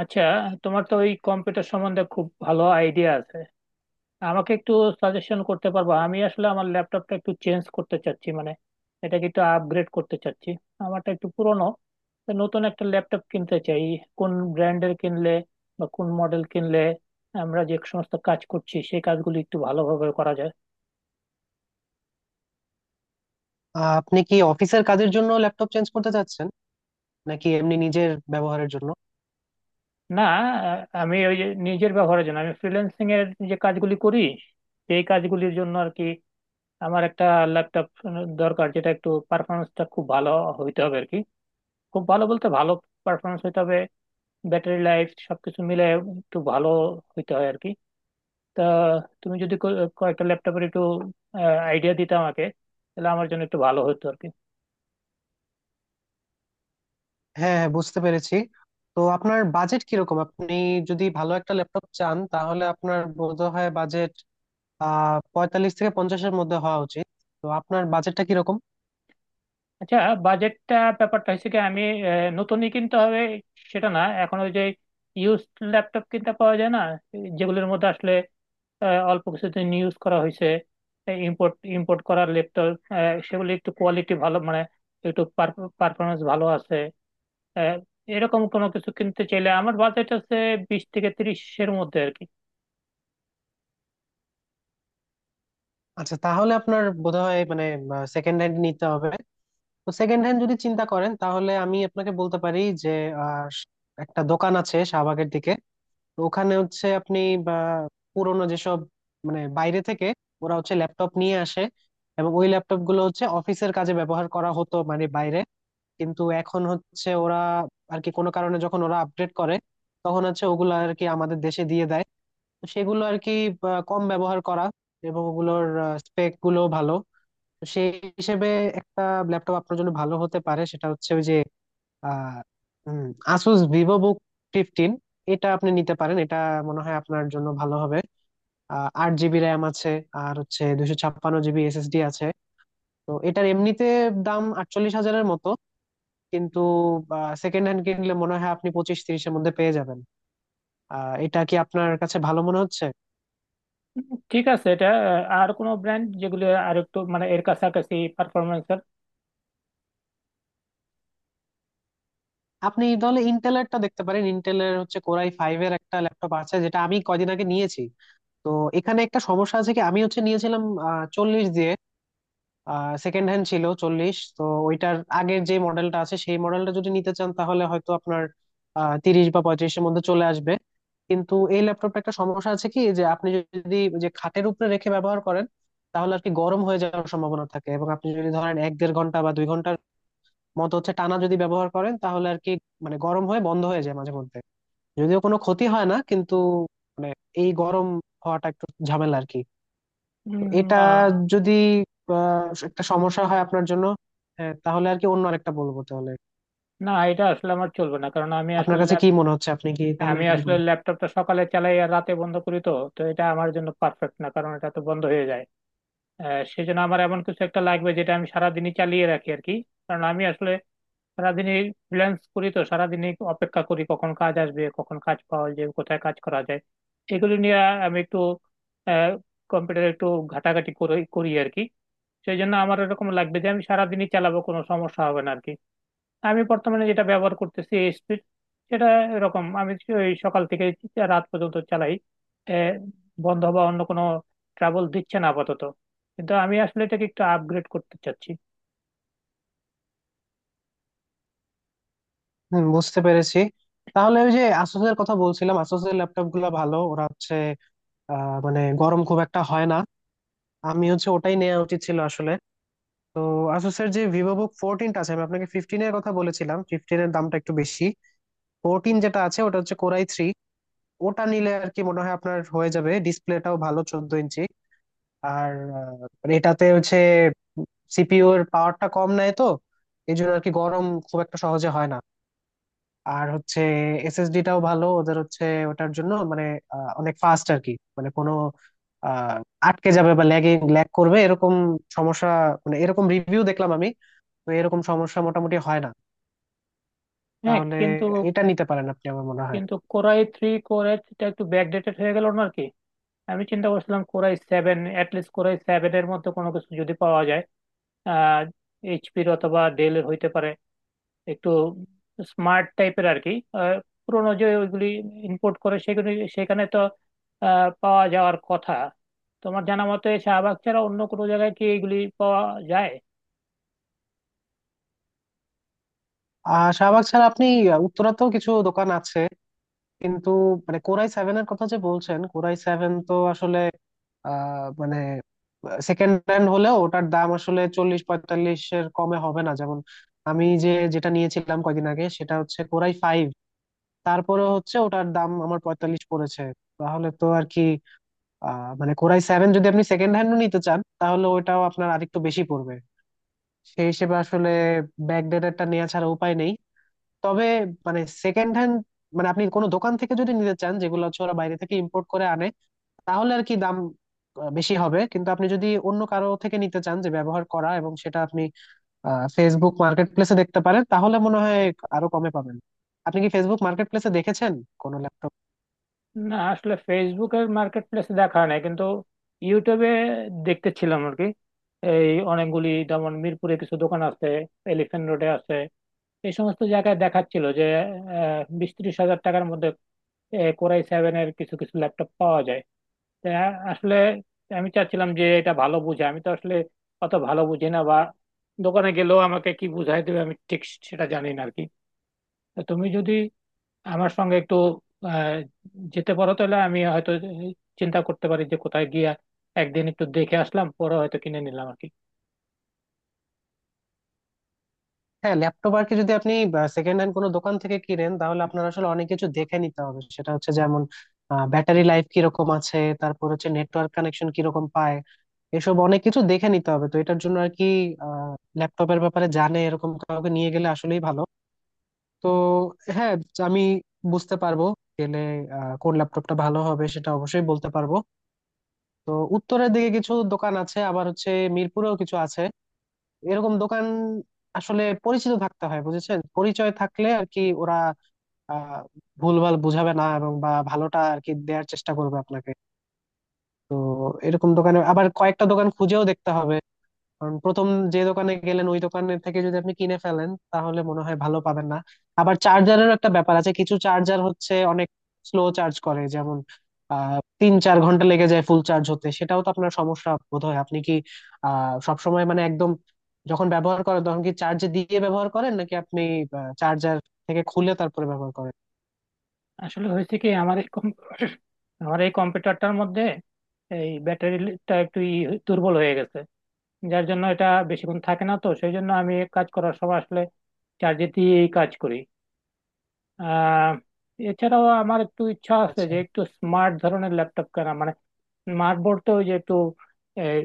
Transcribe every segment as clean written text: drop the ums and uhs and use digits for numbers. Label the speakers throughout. Speaker 1: আচ্ছা, তোমার তো ওই কম্পিউটার সম্বন্ধে খুব ভালো আইডিয়া আছে। আমাকে একটু সাজেশন করতে পারবো? আমি আসলে আমার ল্যাপটপটা একটু চেঞ্জ করতে চাচ্ছি, মানে এটাকে একটু আপগ্রেড করতে চাচ্ছি। আমারটা একটু পুরনো, তো নতুন একটা ল্যাপটপ কিনতে চাই। কোন ব্র্যান্ডের কিনলে বা কোন মডেল কিনলে আমরা যে সমস্ত কাজ করছি সেই কাজগুলি একটু ভালোভাবে করা যায়।
Speaker 2: আপনি কি অফিসের কাজের জন্য ল্যাপটপ চেঞ্জ করতে চাচ্ছেন, নাকি এমনি নিজের ব্যবহারের জন্য?
Speaker 1: না, আমি ওই যে নিজের ব্যবহারের জন্য আমি ফ্রিল্যান্সিং এর যে কাজগুলি করি, সেই কাজগুলির জন্য আর কি। আমার একটা ল্যাপটপ দরকার যেটা একটু পারফরমেন্সটা খুব ভালো হইতে হবে আর কি। খুব ভালো বলতে ভালো পারফরমেন্স হইতে হবে, ব্যাটারি লাইফ সবকিছু মিলে একটু ভালো হইতে হয় আর কি। তা তুমি যদি কয়েকটা ল্যাপটপের একটু আইডিয়া দিতে আমাকে, তাহলে আমার জন্য একটু ভালো হতো আর কি।
Speaker 2: হ্যাঁ, হ্যাঁ, বুঝতে পেরেছি। তো আপনার বাজেট কিরকম? আপনি যদি ভালো একটা ল্যাপটপ চান তাহলে আপনার বোধহয় বাজেট 45 থেকে 50-এর মধ্যে হওয়া উচিত। তো আপনার বাজেটটা কিরকম?
Speaker 1: আচ্ছা, বাজেটটা ব্যাপারটা হচ্ছে কি, আমি নতুনই কিনতে হবে সেটা না। এখন ওই যে ইউজ ল্যাপটপ কিনতে পাওয়া যায় না, যেগুলোর মধ্যে আসলে অল্প কিছুদিন ইউজ করা হয়েছে, ইম্পোর্ট ইম্পোর্ট করা ল্যাপটপ, সেগুলো একটু কোয়ালিটি ভালো, মানে একটু পারফরমেন্স ভালো আছে। আহ, এরকম কোনো কিছু কিনতে চাইলে আমার বাজেট আছে 20 থেকে 30-এর মধ্যে আর কি।
Speaker 2: আচ্ছা, তাহলে আপনার বোধহয় মানে সেকেন্ড হ্যান্ড নিতে হবে। তো সেকেন্ড হ্যান্ড যদি চিন্তা করেন তাহলে আমি আপনাকে বলতে পারি যে আহ, একটা দোকান আছে শাহবাগের দিকে। তো ওখানে হচ্ছে আপনি বা পুরোনো যেসব, মানে বাইরে থেকে ওরা হচ্ছে ল্যাপটপ নিয়ে আসে, এবং ওই ল্যাপটপ গুলো হচ্ছে অফিসের কাজে ব্যবহার করা হতো মানে বাইরে, কিন্তু এখন হচ্ছে ওরা আর কি কোনো কারণে যখন ওরা আপডেট করে তখন হচ্ছে ওগুলো আর কি আমাদের দেশে দিয়ে দেয়। তো সেগুলো আর কি, বা, কম ব্যবহার করা, এবং ওগুলোর স্পেক গুলো ভালো। তো সেই হিসেবে একটা ল্যাপটপ আপনার জন্য ভালো হতে পারে সেটা হচ্ছে ওই যে আর উম, আসুস ভিভো বুক ফিফটিন। এটা আপনি নিতে পারেন, এটা মনে হয় আপনার জন্য ভালো হবে। 8 জিবি র্যাম আছে, আর হচ্ছে 256 জিবি এসএসডি আছে। তো এটার এমনিতে দাম 48 হাজারের মতো, কিন্তু সেকেন্ড হ্যান্ড কিনলে মনে হয় আপনি 25-30-এর মধ্যে পেয়ে যাবেন। এটা কি আপনার কাছে ভালো মনে হচ্ছে?
Speaker 1: ঠিক আছে, এটা আর কোনো ব্র্যান্ড যেগুলো আর একটু মানে এর কাছাকাছি পারফরমেন্স।
Speaker 2: আপনি তাহলে ইন্টেলেরটা দেখতে পারেন, ইন্টেলের হচ্ছে কোরাই ফাইভ এর একটা ল্যাপটপ আছে যেটা আমি কয়দিন আগে নিয়েছি। তো এখানে একটা সমস্যা আছে কি, আমি হচ্ছে নিয়েছিলাম চল্লিশ দিয়ে, সেকেন্ড হ্যান্ড ছিল চল্লিশ। তো ওইটার আগের যে মডেলটা আছে সেই মডেলটা যদি নিতে চান তাহলে হয়তো আপনার 30 বা 35-এর মধ্যে চলে আসবে। কিন্তু এই ল্যাপটপটা একটা সমস্যা আছে কি, যে আপনি যদি ওই যে খাটের উপরে রেখে ব্যবহার করেন তাহলে আর কি গরম হয়ে যাওয়ার সম্ভাবনা থাকে, এবং আপনি যদি ধরেন এক দেড় ঘন্টা বা 2 ঘন্টার মতো হচ্ছে টানা যদি ব্যবহার করেন তাহলে আর কি, মানে গরম হয়ে বন্ধ হয়ে যায় মাঝে মধ্যে। যদিও কোনো ক্ষতি হয় না, কিন্তু মানে এই গরম হওয়াটা একটু ঝামেলা আর কি। এটা
Speaker 1: না,
Speaker 2: যদি একটা সমস্যা হয় আপনার জন্য, হ্যাঁ, তাহলে আর কি অন্য আরেকটা বলবো তাহলে।
Speaker 1: না, এটা আসলে আমার চলবে না, কারণ আমি
Speaker 2: আপনার
Speaker 1: আসলে
Speaker 2: কাছে কি মনে হচ্ছে, আপনি কি তাহলে
Speaker 1: আমি
Speaker 2: এটা
Speaker 1: আসলে
Speaker 2: নিবেন?
Speaker 1: ল্যাপটপটা সকালে চালাই আর রাতে বন্ধ করি। তো তো এটা আমার জন্য পারফেক্ট না, কারণ এটা তো বন্ধ হয়ে যায়। সেজন্য আমার এমন কিছু একটা লাগবে যেটা আমি সারাদিনই চালিয়ে রাখি আর কি। কারণ আমি আসলে সারাদিনই ফ্রিল্যান্স করি, তো সারাদিনই অপেক্ষা করি কখন কাজ আসবে, কখন কাজ পাওয়া যায়, কোথায় কাজ করা যায়, এগুলো নিয়ে আমি একটু কম্পিউটারে একটু ঘাটাঘাটি করে করি আর কি। সেই জন্য আমার এরকম লাগবে যে আমি সারাদিনই চালাবো কোনো সমস্যা হবে না আর কি। আমি বর্তমানে যেটা ব্যবহার করতেছি স্পিড, সেটা এরকম আমি ওই সকাল থেকে রাত পর্যন্ত চালাই। এ, বন্ধ বা অন্য কোনো ট্রাবল দিচ্ছে না আপাতত, কিন্তু আমি আসলে এটাকে একটু আপগ্রেড করতে চাচ্ছি।
Speaker 2: বুঝতে পেরেছি। তাহলে ওই যে আসুসের কথা বলছিলাম, আসুসের ল্যাপটপ গুলো ভালো, ওরা হচ্ছে মানে গরম খুব একটা হয় না। আমি হচ্ছে ওটাই নেওয়া উচিত ছিল আসলে। তো আসুসের যে ভিভো বুক ফোরটিনটা আছে, আমি আপনাকে ফিফটিনের কথা বলেছিলাম, ফিফটিনের দামটা একটু বেশি। ফোরটিন যেটা আছে ওটা হচ্ছে কোরাই থ্রি। ওটা নিলে আর কি মনে হয় আপনার হয়ে যাবে, ডিসপ্লেটাও ভালো 14 ইঞ্চি। আর আহ, মানে এটাতে হচ্ছে সিপিইউ এর পাওয়ারটা কম নেয়, তো এই জন্য আর কি গরম খুব একটা সহজে হয় না। আর হচ্ছে এসএসডি টাও ভালো ওদের হচ্ছে, ওটার জন্য মানে অনেক ফাস্ট আর কি। মানে কোনো আহ, আটকে যাবে বা ল্যাগ করবে এরকম সমস্যা, মানে এরকম রিভিউ দেখলাম আমি। তো এরকম সমস্যা মোটামুটি হয় না।
Speaker 1: হ্যাঁ,
Speaker 2: তাহলে
Speaker 1: কিন্তু,
Speaker 2: এটা নিতে পারেন আপনি, আমার মনে হয়।
Speaker 1: কিন্তু কোরাই থ্রি, কোরাই থ্রিটা একটু ব্যাকডেটেড হয়ে গেল না আর কি। আমি চিন্তা করছিলাম core i seven, at least core i seven এর মধ্যে কোনো কিছু যদি পাওয়া যায়। আহ এইচপির অথবা ডেলের হইতে পারে, একটু স্মার্ট টাইপের আর কি। আহ, পুরোনো যে ওইগুলি ইম্পোর্ট করে, সেগুলি সেখানে তো পাওয়া যাওয়ার কথা। তোমার জানা মতে শাহবাগ ছাড়া অন্য কোনো জায়গায় কি এগুলি পাওয়া যায়?
Speaker 2: আর শাহবাগ ছাড়া আপনি উত্তরাতেও কিছু দোকান আছে। কিন্তু মানে কোরাই সেভেন এর কথা যে বলছেন, কোরাই সেভেন তো আসলে মানে সেকেন্ড হ্যান্ড হলেও ওটার দাম আসলে 40-45-এর কমে হবে না। যেমন আমি যে, যেটা নিয়েছিলাম কয়দিন আগে, সেটা হচ্ছে কোরাই ফাইভ। তারপরে হচ্ছে ওটার দাম আমার পঁয়তাল্লিশ পড়েছে। তাহলে তো আর কি মানে কোরাই সেভেন যদি আপনি সেকেন্ড হ্যান্ডও নিতে চান তাহলে ওটাও আপনার আরেকটু বেশি পড়বে। সেই হিসেবে আসলে ব্যাকডেটেডটা নেওয়া ছাড়া উপায় নেই। তবে মানে সেকেন্ড হ্যান্ড, মানে আপনি কোনো দোকান থেকে যদি নিতে চান, যেগুলো হচ্ছে ওরা বাইরে থেকে ইম্পোর্ট করে আনে, তাহলে আর কি দাম বেশি হবে। কিন্তু আপনি যদি অন্য কারো থেকে নিতে চান যে ব্যবহার করা, এবং সেটা আপনি ফেসবুক মার্কেট প্লেসে দেখতে পারেন, তাহলে মনে হয় আরো কমে পাবেন। আপনি কি ফেসবুক মার্কেট প্লেসে দেখেছেন কোনো ল্যাপটপ?
Speaker 1: না, আসলে ফেসবুকের মার্কেট প্লেসে দেখা হয় নাই, কিন্তু ইউটিউবে দেখতেছিলাম আর কি। এই অনেকগুলি যেমন মিরপুরে কিছু দোকান আছে, এলিফ্যান্ট রোডে আছে, এই সমস্ত জায়গায় দেখাচ্ছিল যে 20-30 হাজার টাকার মধ্যে কোরাই সেভেন এর কিছু কিছু ল্যাপটপ পাওয়া যায়। তা আসলে আমি চাচ্ছিলাম যে এটা ভালো বুঝে, আমি তো আসলে অত ভালো বুঝি না, বা দোকানে গেলেও আমাকে কি বুঝাই দেবে আমি ঠিক সেটা জানি না আর কি। তো তুমি যদি আমার সঙ্গে একটু আহ, যেতে পারো, তাহলে আমি হয়তো চিন্তা করতে পারি যে কোথায় গিয়ে একদিন একটু দেখে আসলাম, পরে হয়তো কিনে নিলাম আর কি।
Speaker 2: হ্যাঁ, ল্যাপটপ আর কি যদি আপনি সেকেন্ড হ্যান্ড কোনো দোকান থেকে কিনেন, তাহলে আপনার আসলে অনেক কিছু দেখে নিতে হবে। সেটা হচ্ছে যেমন ব্যাটারি লাইফ কিরকম আছে, তারপর হচ্ছে নেটওয়ার্ক কানেকশন কিরকম পায়, এসব অনেক কিছু দেখে নিতে হবে। তো এটার জন্য আর কি ল্যাপটপের ব্যাপারে জানে এরকম কাউকে নিয়ে গেলে আসলেই ভালো। তো হ্যাঁ, আমি বুঝতে পারবো গেলে কোন ল্যাপটপটা ভালো হবে সেটা অবশ্যই বলতে পারবো। তো উত্তরের দিকে কিছু দোকান আছে, আবার হচ্ছে মিরপুরেও কিছু আছে এরকম দোকান। আসলে পরিচিত থাকতে হয়, বুঝেছেন, পরিচয় থাকলে আর কি ওরা আহ ভুলভাল বুঝাবে না, এবং বা ভালোটা আর কি দেওয়ার চেষ্টা করবে আপনাকে। তো এরকম দোকানে আবার কয়েকটা দোকান খুঁজেও দেখতে হবে, কারণ প্রথম যে দোকানে গেলেন, ওই দোকানের থেকে যদি আপনি কিনে ফেলেন তাহলে মনে হয় ভালো পাবেন না। আবার চার্জারেরও একটা ব্যাপার আছে, কিছু চার্জার হচ্ছে অনেক স্লো চার্জ করে, যেমন 3-4 ঘন্টা লেগে যায় ফুল চার্জ হতে। সেটাও তো আপনার সমস্যা বোধহয়। আপনি কি সবসময় মানে একদম, যখন ব্যবহার করেন তখন কি চার্জ দিয়ে ব্যবহার করেন, নাকি আপনি চার্জার থেকে খুলে তারপরে ব্যবহার করেন?
Speaker 1: আসলে হয়েছে কি, আমার এই আমার এই কম্পিউটারটার মধ্যে এই ব্যাটারিটা একটু দুর্বল হয়ে গেছে, যার জন্য এটা বেশিক্ষণ থাকে না। তো সেই জন্য আমি কাজ করার সময় আসলে চার্জে দিয়েই কাজ করি। আহ এছাড়াও আমার একটু ইচ্ছা আছে
Speaker 2: আচ্ছা।
Speaker 1: যে একটু স্মার্ট ধরনের ল্যাপটপ কেনা, মানে স্মার্ট বলতে ওই যে একটু আহ,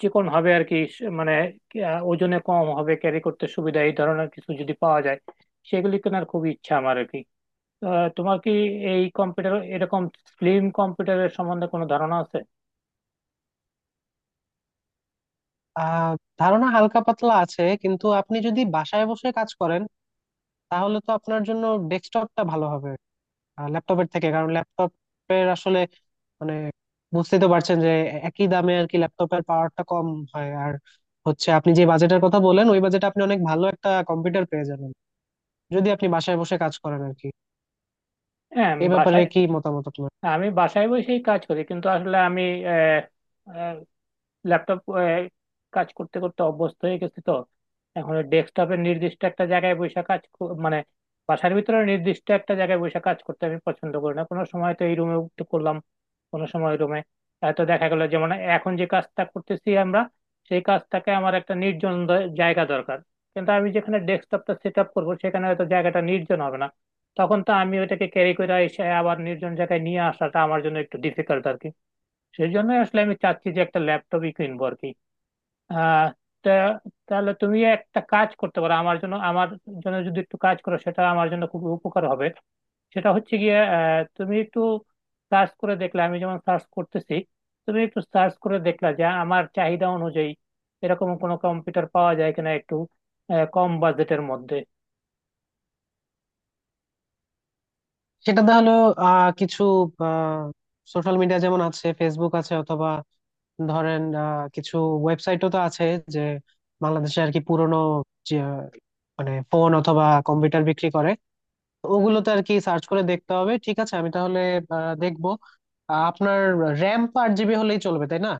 Speaker 1: চিকন হবে আর কি, মানে কি, ওজনে কম হবে, ক্যারি করতে সুবিধা, এই ধরনের কিছু যদি পাওয়া যায় সেগুলি কেনার খুব ইচ্ছা আমার আর কি। তোমার কি এই কম্পিউটার, এরকম স্লিম কম্পিউটারের সম্বন্ধে কোনো ধারণা আছে?
Speaker 2: আহ ধারণা হালকা পাতলা আছে, কিন্তু আপনি যদি বাসায় বসে কাজ করেন তাহলে তো আপনার জন্য ডেস্কটপটা ভালো হবে ল্যাপটপের থেকে, কারণ ল্যাপটপের আসলে মানে বুঝতেই তো পারছেন যে একই দামে আর কি ল্যাপটপের পাওয়ারটা কম হয়। আর হচ্ছে আপনি যে বাজেটের কথা বলেন, ওই বাজেটে আপনি অনেক ভালো একটা কম্পিউটার পেয়ে যাবেন, যদি আপনি বাসায় বসে কাজ করেন আর কি।
Speaker 1: হ্যাঁ, আমি
Speaker 2: এই ব্যাপারে
Speaker 1: বাসায়।
Speaker 2: কি মতামত আপনার?
Speaker 1: আমি বাসায় বসেই কাজ করি, কিন্তু আসলে আমি ল্যাপটপ কাজ করতে করতে অভ্যস্ত হয়ে গেছি। তো এখন ডেস্কটপের নির্দিষ্ট একটা জায়গায় বসে কাজ মানে বাসার ভিতরে নির্দিষ্ট একটা জায়গায় বসে কাজ করতে আমি পছন্দ করি না। কোনো সময় তো এই রুমে করলাম, কোনো সময় রুমে। তো দেখা গেল যেমন এখন যে কাজটা করতেছি আমরা, সেই কাজটাকে আমার একটা নির্জন জায়গা দরকার, কিন্তু আমি যেখানে ডেস্কটপটা সেট আপ করবো সেখানে হয়তো জায়গাটা নির্জন হবে না। তখন তো আমি ওইটাকে ক্যারি করে এসে আবার নির্জন জায়গায় নিয়ে আসাটা আমার জন্য একটু ডিফিকাল্ট আর কি। সেই জন্য আসলে আমি চাচ্ছি যে একটা ল্যাপটপই কিনবো আর কি। আহ তা তাহলে তুমি একটা কাজ করতে পারো আমার জন্য। আমার জন্য যদি একটু কাজ করো, সেটা আমার জন্য খুব উপকার হবে। সেটা হচ্ছে গিয়ে, তুমি একটু সার্চ করে দেখলে, আমি যেমন সার্চ করতেছি, তুমি একটু সার্চ করে দেখলা যে আমার চাহিদা অনুযায়ী এরকম কোনো কম্পিউটার পাওয়া যায় কিনা, একটু কম বাজেটের মধ্যে।
Speaker 2: সেটা তাহলে কিছু আহ সোশ্যাল মিডিয়া যেমন আছে ফেসবুক আছে, অথবা ধরেন কিছু ওয়েবসাইটও তো আছে যে বাংলাদেশে আর কি পুরোনো যে, মানে ফোন অথবা কম্পিউটার বিক্রি করে, ওগুলোতে আর কি সার্চ করে দেখতে হবে। ঠিক আছে, আমি তাহলে দেখবো। আপনার র্যাম তো 8 জিবি হলেই চলবে, তাই না?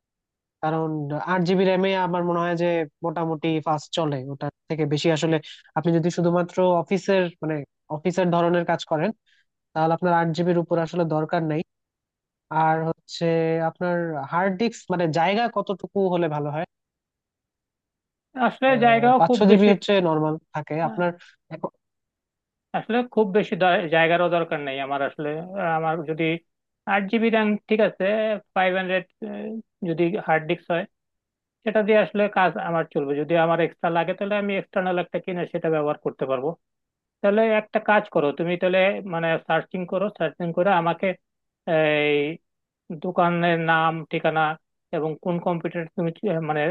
Speaker 2: কারণ 8 জিবি র্যামে আমার মনে হয় যে মোটামুটি ফাস্ট চলে। ওটার থেকে বেশি আসলে আপনি যদি শুধুমাত্র অফিসের মানে অফিসের ধরনের কাজ করেন, তাহলে আপনার 8 জিবির উপর আসলে দরকার নেই। আর হচ্ছে আপনার হার্ড ডিস্ক মানে জায়গা কতটুকু হলে ভালো হয়?
Speaker 1: আসলে
Speaker 2: আহ,
Speaker 1: জায়গাও খুব
Speaker 2: 500 জিবি
Speaker 1: বেশি,
Speaker 2: হচ্ছে নর্মাল থাকে আপনার।
Speaker 1: আসলে খুব বেশি জায়গারও দরকার নেই আমার আসলে। আমার যদি 8 জিবি র্যাম ঠিক আছে, 500 যদি হার্ড ডিস্ক হয়, সেটা দিয়ে আসলে কাজ আমার চলবে। যদি আমার এক্সট্রা লাগে তাহলে আমি এক্সটার্নাল একটা কিনে সেটা ব্যবহার করতে পারবো। তাহলে একটা কাজ করো তুমি তাহলে, মানে সার্চিং করো, সার্চিং করে আমাকে এই দোকানের নাম, ঠিকানা, এবং কোন কম্পিউটার তুমি মানে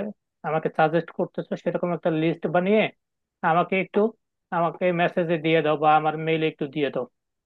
Speaker 1: আমাকে সাজেস্ট করতেছো সেরকম একটা লিস্ট বানিয়ে আমাকে একটু, আমাকে মেসেজে দিয়ে দাও বা আমার মেইলে একটু দিয়ে দাও।